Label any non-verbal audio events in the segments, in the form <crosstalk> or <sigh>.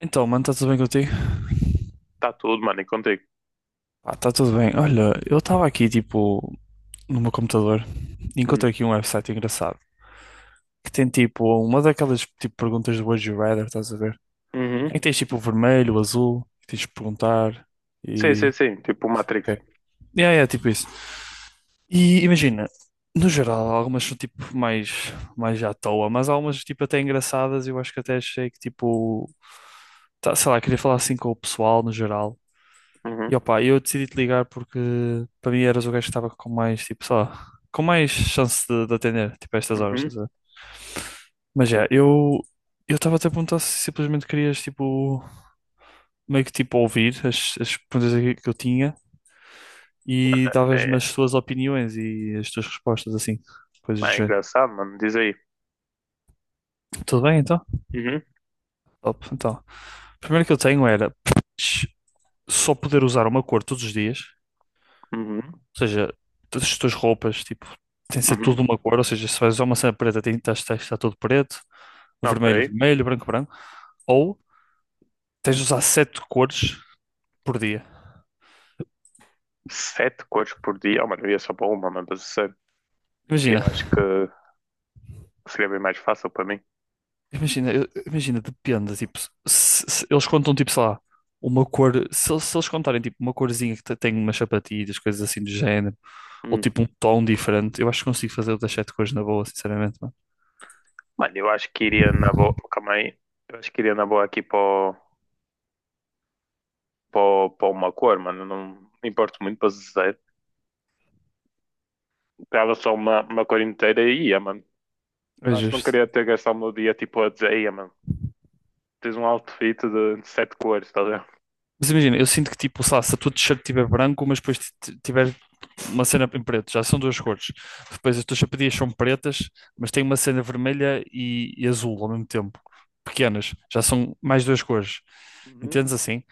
Então, mano, está tudo bem contigo? Tá tudo, mano, encontrei. Pá, está tudo bem. Olha, eu estava aqui, tipo, no meu computador e Hum. encontrei aqui um website engraçado que tem, tipo, uma daquelas, tipo, perguntas do Would You Rather, estás a ver? Em que Uhum. tens, tipo, o vermelho, o azul, que tens de perguntar Sim, sim, e... sim. Tipo Matrix. Ok. É, é, tipo isso. E imagina, no geral, algumas são, tipo, mais, mais à toa, mas algumas, tipo, até engraçadas, eu acho que até achei que, tipo... sei lá, queria falar assim com o pessoal no geral. E Uhum. opa, eu decidi te ligar porque para mim eras o gajo que estava com mais, tipo, só, com mais chance de atender, tipo, a estas horas, Uhum. estás a ver? Mas é, eu estava até a perguntar se simplesmente querias, tipo, meio que tipo ouvir as, as perguntas aqui que eu tinha Mano, e davas-me É, as tuas opiniões e as tuas respostas, assim, coisas do é género. engraçado, mano. Diz aí. Tudo bem, então? Uhum. Top, então. A primeira que eu tenho era só poder usar uma cor todos os dias. Uhum. Ou seja, todas as tuas roupas, tipo, tem de ser tudo Uhum. de uma cor. Ou seja, se vais usar uma cena preta, tem que estar tudo preto, Ok. vermelho, vermelho, branco, branco. Ou tens de usar sete cores por dia. Sete cores por dia. Oh, mano, eu ia só para uma, mano. Mas sério, eu Imagina, acho que seria bem mais fácil para mim. imagina, depende. Tipo, se eles contam, tipo, sei lá, uma cor. Se eles contarem, tipo, uma corzinha tem umas sapatilhas, coisas assim do género, ou Hum. tipo um tom diferente, eu acho que consigo fazer outras sete cores na boa, sinceramente, mano. Mano, eu acho que iria na boa. Calma aí. Eu acho que iria na boa aqui para uma cor, mano. Não me importo muito para dizer. Pegava só uma cor inteira e ia, mano. Eu É acho que não justo. queria ter gastado o meu dia tipo a dizer, ia, mano. Tens um outfit de sete cores, estás a ver? Mas imagina, eu sinto que tipo, sei lá, se a tua t-shirt estiver branco, mas depois tiver uma cena em preto, já são duas cores. Depois as tuas sapatilhas são pretas, mas tem uma cena vermelha e azul ao mesmo tempo, pequenas, já são mais duas cores. Uhum. Entendes assim?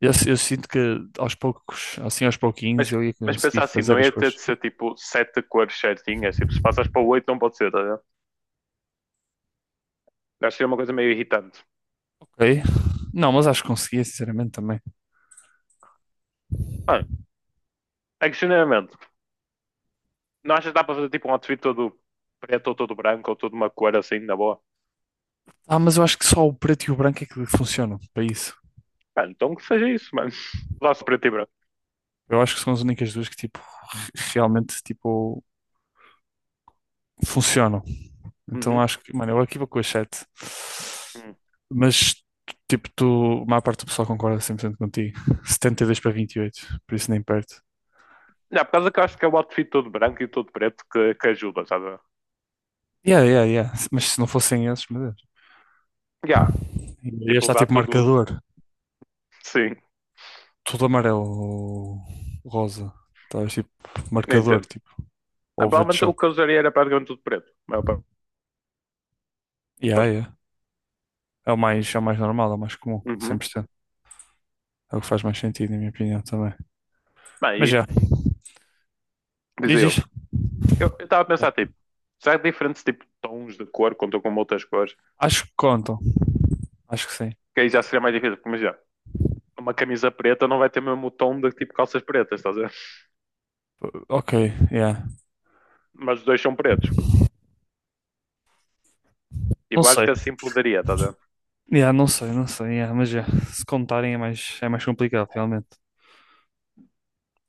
Eu sinto que aos poucos, assim aos pouquinhos, Mas, eu ia mas pensa conseguir assim, não fazer ia as ter de coisas. ser tipo sete cores certinhas, tipo, se passas para oito não pode ser, estás a ver? Acho que é uma coisa meio irritante. Ok? Não, mas acho que conseguia, sinceramente, também. Mano, é que genuinamente, não achas que dá para fazer tipo um outfit todo preto ou todo branco ou toda uma cor assim, na boa? Ah, mas eu acho que só o preto e o branco é que funcionam para isso. Mano, então que seja isso, mano. <laughs> Lá-se preto e branco. Eu acho que são as únicas duas que, tipo, realmente, tipo, funcionam. Então Uhum. acho que, mano, eu aqui vou com as sete. Mas, tipo, tu, a maior parte do pessoal concorda 100% contigo. 72-28. Por isso nem perto. Já, por causa que eu acho que é o outfit todo branco e todo preto que ajuda, sabe? Yeah, yeah, yeah. Mas se não fossem esses, meu Deus. Já, Ia tipo, estar usar tipo, tudo. marcador. Sim, Tudo amarelo, rosa. Talvez, tipo, marcador, entendo. tipo, Ah, ou verde provavelmente o choque. que eu usaria era praticamente tudo preto. A maior. Yeah, yeah. É o mais normal, é o mais comum, cem Uhum. por cento. É o que faz mais sentido, na minha opinião, também. Bem, Mas e já, diz dizer diz. outro. Eu estava a Ok. pensar, tipo, será que diferentes tipo, tons de cor contam com outras cores? Acho que contam. Acho que sim. Que aí já seria mais difícil, porque imagina, uma camisa preta não vai ter mesmo o tom de tipo calças pretas, estás a ver? Ok, yeah. Mas os dois são pretos. Não Tipo, acho sei. que assim poderia, estás a ver? Yeah, não sei, não sei. Yeah, mas já, se contarem é mais complicado, realmente.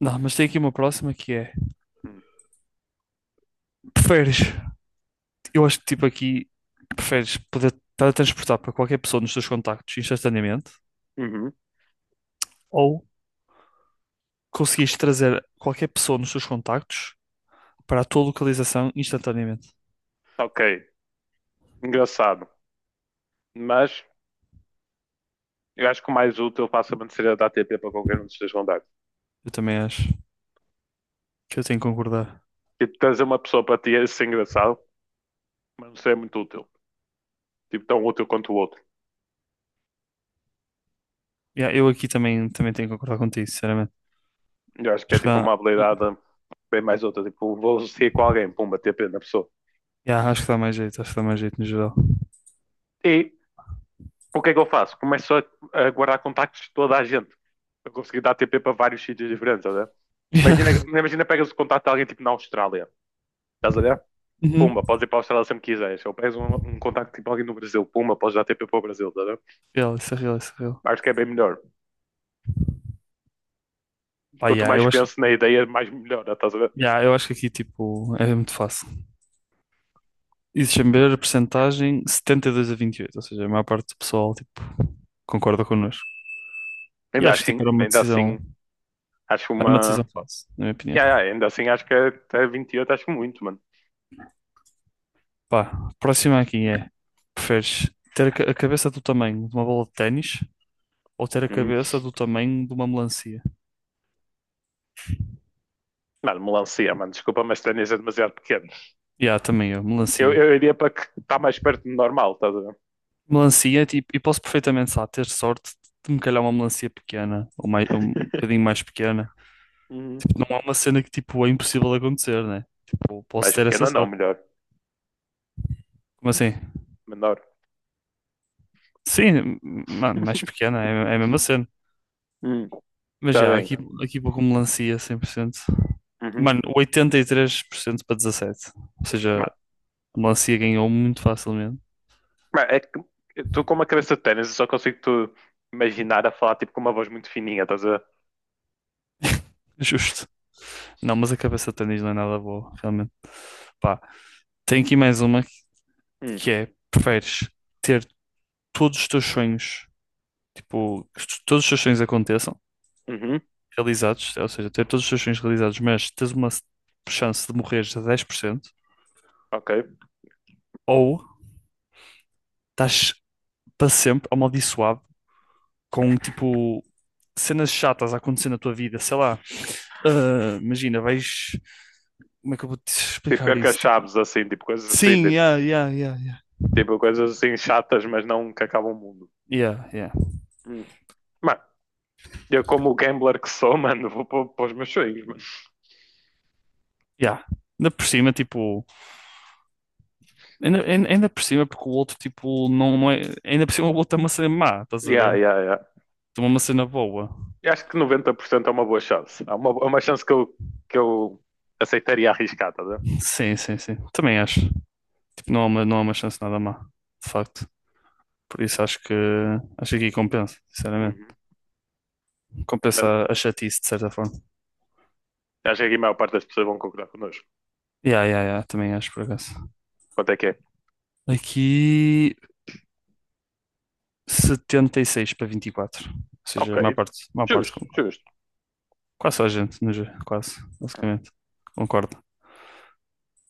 Não, mas tem aqui uma próxima que é: Hum. preferes, eu acho que tipo aqui, preferes poder teletransportar para qualquer pessoa nos teus contactos instantaneamente Uhum. ou conseguires trazer qualquer pessoa nos teus contactos para a tua localização instantaneamente? Ok, engraçado. Mas eu acho que o mais útil facilmente seria dar TP para qualquer um dos teus contactos. Eu também acho que eu tenho que concordar. Tipo, trazer uma pessoa para ti é ser engraçado, mas não seria muito útil. Tipo, tão útil quanto o outro. Yeah, eu aqui também, tenho que concordar contigo, sinceramente. Eu acho que é Acho que tipo dá, uma habilidade bem mais outra. Tipo, vou associar com alguém, pumba, TP na pessoa. yeah, acho que dá mais jeito, acho que dá mais jeito no geral. <laughs> E o que é que eu faço? Começo a guardar contactos de toda a gente. Eu consegui dar TP para vários sítios diferentes, estás. Imagina, Yeah. imagina pegas o contacto de alguém tipo na Austrália, estás a ver? Uhum. Pumba, podes ir para a Austrália sempre que quiseres. Ou pegas um contacto tipo alguém no Brasil, pumba, podes dar TP para o Brasil, estás a ver? Real, isso é real, isso é real. Acho que é bem melhor. Pá, Quanto yeah, mais penso na ideia, mais melhora, estás a ver? yeah, eu acho que aqui tipo, é muito fácil. E deixa-me ver a percentagem, 72 a 28, ou seja, a maior parte do pessoal tipo, concorda connosco. E acho que tipo, Ainda assim, acho era uma decisão uma. fácil, na minha Yeah, opinião. yeah, ainda assim, acho que até 28, acho muito, mano. Pá, próxima aqui é: preferes ter a cabeça do tamanho de uma bola de ténis ou ter a Hum. cabeça do tamanho de uma melancia? Mano, melancia, mano, desculpa, mas tênis é demasiado pequeno. Yeah, também eu, Eu, melancia. eu iria para que está mais perto do normal, estás a ver? Melancia, é tipo, e posso perfeitamente, sabe, ter sorte de me calhar uma melancia pequena ou mais, um bocadinho mais pequena. Uhum. Tipo, não é uma cena que, tipo, é impossível de acontecer, né? Tipo, posso Mais ter essa pequena não, sorte. melhor. Como assim? Menor. Sim, mano, mais pequena, é, é a mesma cena. Hum. Mas Está já, bem. aqui, aqui vou com melancia 100%. Uhum. Mano, 83% para 17%. Ou seja, Mas, o Lancia ganhou muito facilmente. mas é que tu com uma cabeça de ténis, eu só consigo tu imaginar a falar tipo com uma voz muito fininha, estás a ver? <laughs> Justo. Não, mas a cabeça de ténis não é nada boa, realmente. Pá, tem aqui mais uma Uhum. que é: preferes ter todos os teus sonhos, tipo, todos os teus sonhos aconteçam, Uhum. realizados, ou seja, ter todos os teus sonhos realizados, mas tens uma chance de morreres a 10% Ok. ou estás para sempre amaldiçoado com, tipo, cenas chatas a acontecer na tua vida, sei lá. Ah, imagina, vais. Como é que eu vou te Tipo explicar isso? arca-chaves, assim, tipo coisas assim, Sim, tipo, yeah, yeah, yeah, yeah. tipo, coisas assim chatas, mas não que acabam o mundo. Yeah, yeah, Hum. Mano, eu como o gambler que sou, <laughs> mano, vou para os meus sonhos, mano. yeah. Ainda por cima, tipo, ainda por cima, porque o outro, tipo, não, não é. Ainda por cima, o outro é uma cena má, estás a Yeah, ver? yeah, yeah. Toma uma cena boa. Eu acho que 90% é uma boa chance. É uma chance que eu aceitaria arriscar, tá a ver? Sim, sim, sim. Também acho. Tipo, não há uma chance nada má, de facto. Por isso acho que aqui compensa, sinceramente. Uhum. Compensa Mesmo- a chatice, de certa forma. Acho que aqui a maior parte das pessoas vão concordar connosco. Yeah, yeah, yeah, também acho, por acaso. Quanto é que é? Aqui 76-24. Ou Ok. seja, a maior parte Justo, justo. quase só a gente, no ge- quase, basicamente. Concordo.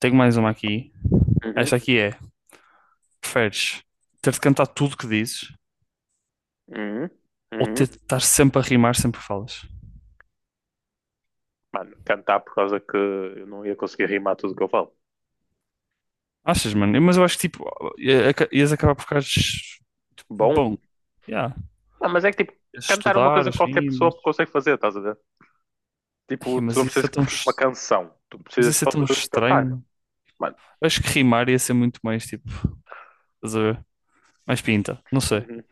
Tenho mais uma aqui. Uhum. Esta aqui é: preferes ter de cantar tudo que dizes Uhum. ou ter Uhum. de estar sempre a rimar sempre que falas? Mano, cantar por causa que eu não ia conseguir rimar tudo o que eu falo. Achas, mano? Mas eu acho que tipo, ias acabar por ficar Bom? bom. Yeah. Ah, mas é que tipo, Ias cantar é uma estudar coisa que as qualquer pessoa rimas. consegue fazer, estás a ver? Tipo, Ai, tu mas não isso precisas é que fazer uma canção, tu mas precisas isso é só tão de cantar. estranho. Mano, Eu acho que rimar ia ser muito mais tipo, estás a ver? Mais pinta, não sei. uhum.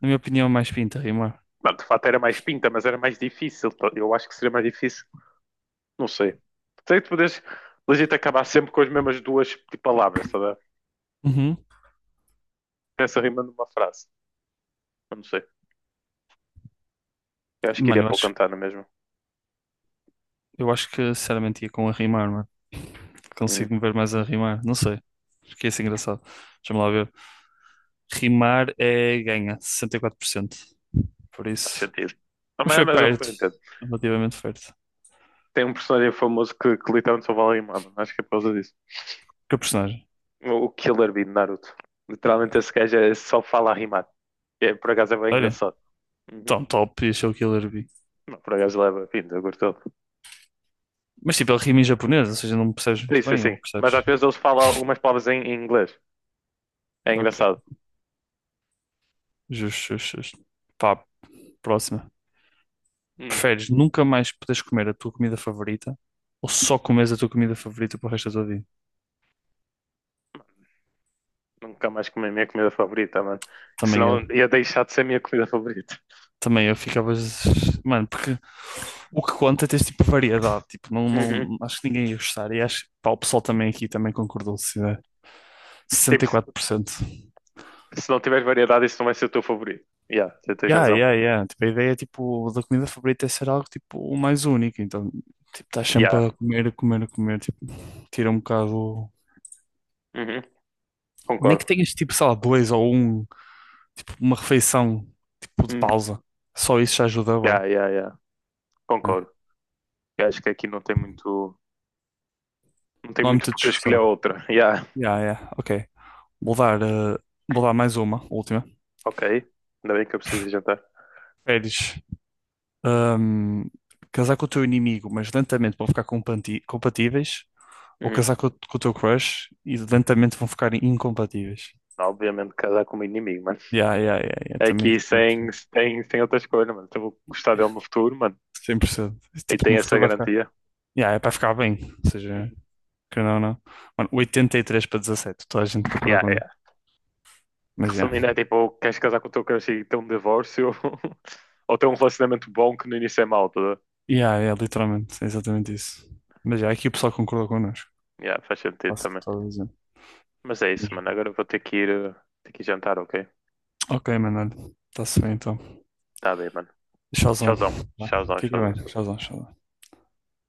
Na minha opinião, é mais pinta rimar. Mano, de fato era mais pinta, mas era mais difícil. Tá? Eu acho que seria mais difícil. Não sei. Sei que tu podes legit acabar sempre com as mesmas duas tipo, palavras, sabe? Uhum. Essa rima numa frase. Eu não sei. Eu acho que iria Mano, para o Cantano mesmo. eu acho que sinceramente ia com a rimar, mano. Hum, Consigo me ver mais a rimar? Não sei. Fiquei assim engraçado. Deixa-me lá ver. Rimar é ganha, 64%. Por cento. Por faz isso. sentido. Não, Mas mas, foi mas eu perto. entendo. Relativamente perto. Tem um personagem famoso que literalmente só fala rimando. Acho que é por causa disso. Que personagem? O Killer Bee de Naruto. Literalmente esse gajo só fala a rimar. É, por acaso é bem Olha. engraçado. Uhum. Tão top e achou que Killer Bee. Não, por acaso leva vindo, eu gosto dele. Mas tipo, ele rima em japonês, ou seja, não percebes muito Isso, bem, sim. ou Sim. Mas às percebes? vezes eles falam umas palavras em inglês. É Ok. engraçado. Justo, justo, justo. Pá, próxima. Hum. Preferes nunca mais poderes comer a tua comida favorita ou só comes a tua comida favorita para o resto da tua vida? Nunca mais comi a minha comida favorita, mano. Também Senão eu. ia deixar de ser a minha comida favorita. Também eu ficava. Mano, porque. O que conta é ter tipo variedade, tipo, não, Uhum. não, acho que ninguém ia gostar. E acho que pá, o pessoal também aqui também concordou, se tiver Se, tipo, sessenta e se- quatro né? 64%. se não tiver variedade, isso não vai ser o teu favorito. Yeah, você tens Yeah, razão. yeah, yeah. Tipo, a ideia tipo, da comida favorita é ser algo tipo o mais único. Então, tipo, estás sempre Yeah. a comer, a comer, a comer, tipo, tira um bocado. Uhum. Nem que Concordo. tenhas tipo, sei lá, dois ou um, tipo, uma refeição tipo de Hum. pausa. Só isso já ajuda, ué. Yeah, yeah, yeah. Né? Concordo. Eu acho que aqui não tem muito. Não tem Não há muito muita porque eu escolher discussão. outra. <laughs> Yeah. Yeah, yeah, ok. Vou dar, eh, vou dar mais uma, última. Ok. Ainda bem que eu preciso de jantar. Preferes hum, casar com o teu inimigo, mas lentamente vão ficar compatíveis, ou Uhum. casar com o teu crush e lentamente vão ficar incompatíveis. Obviamente casar com o meu inimigo, mano. Yeah, yeah, yeah, yeah, também Aqui sem outra escolha, mano. Então eu vou gostar dele no futuro, mano. 100%. E Tipo, tem no essa futuro vai ficar. garantia. Yeah, é para ficar bem, ou seja, Uhum. que não, não. Mano, 83-17. Toda a gente concordou Yeah, connosco. Mas já. resumindo, é Yeah. tipo, queres casar com o teu crush e ter um divórcio <laughs> ou ter um relacionamento bom que no início é mau, tá? Yeah, yeah, literalmente, é exatamente isso. Mas já, yeah, aqui o pessoal concordou connosco. Yeah, faz sentido Faço o que também. estava a dizer. Mas é isso, mano. Mas, Agora eu vou ter que eh, ir jantar, ok? ok, mano, olha, está-se bem então. Tá bem, mano. Tchauzão. Tchauzão, Vá, tchauzão, fica tchauzão. bem, Tchauzão. tchauzão, tchauzão.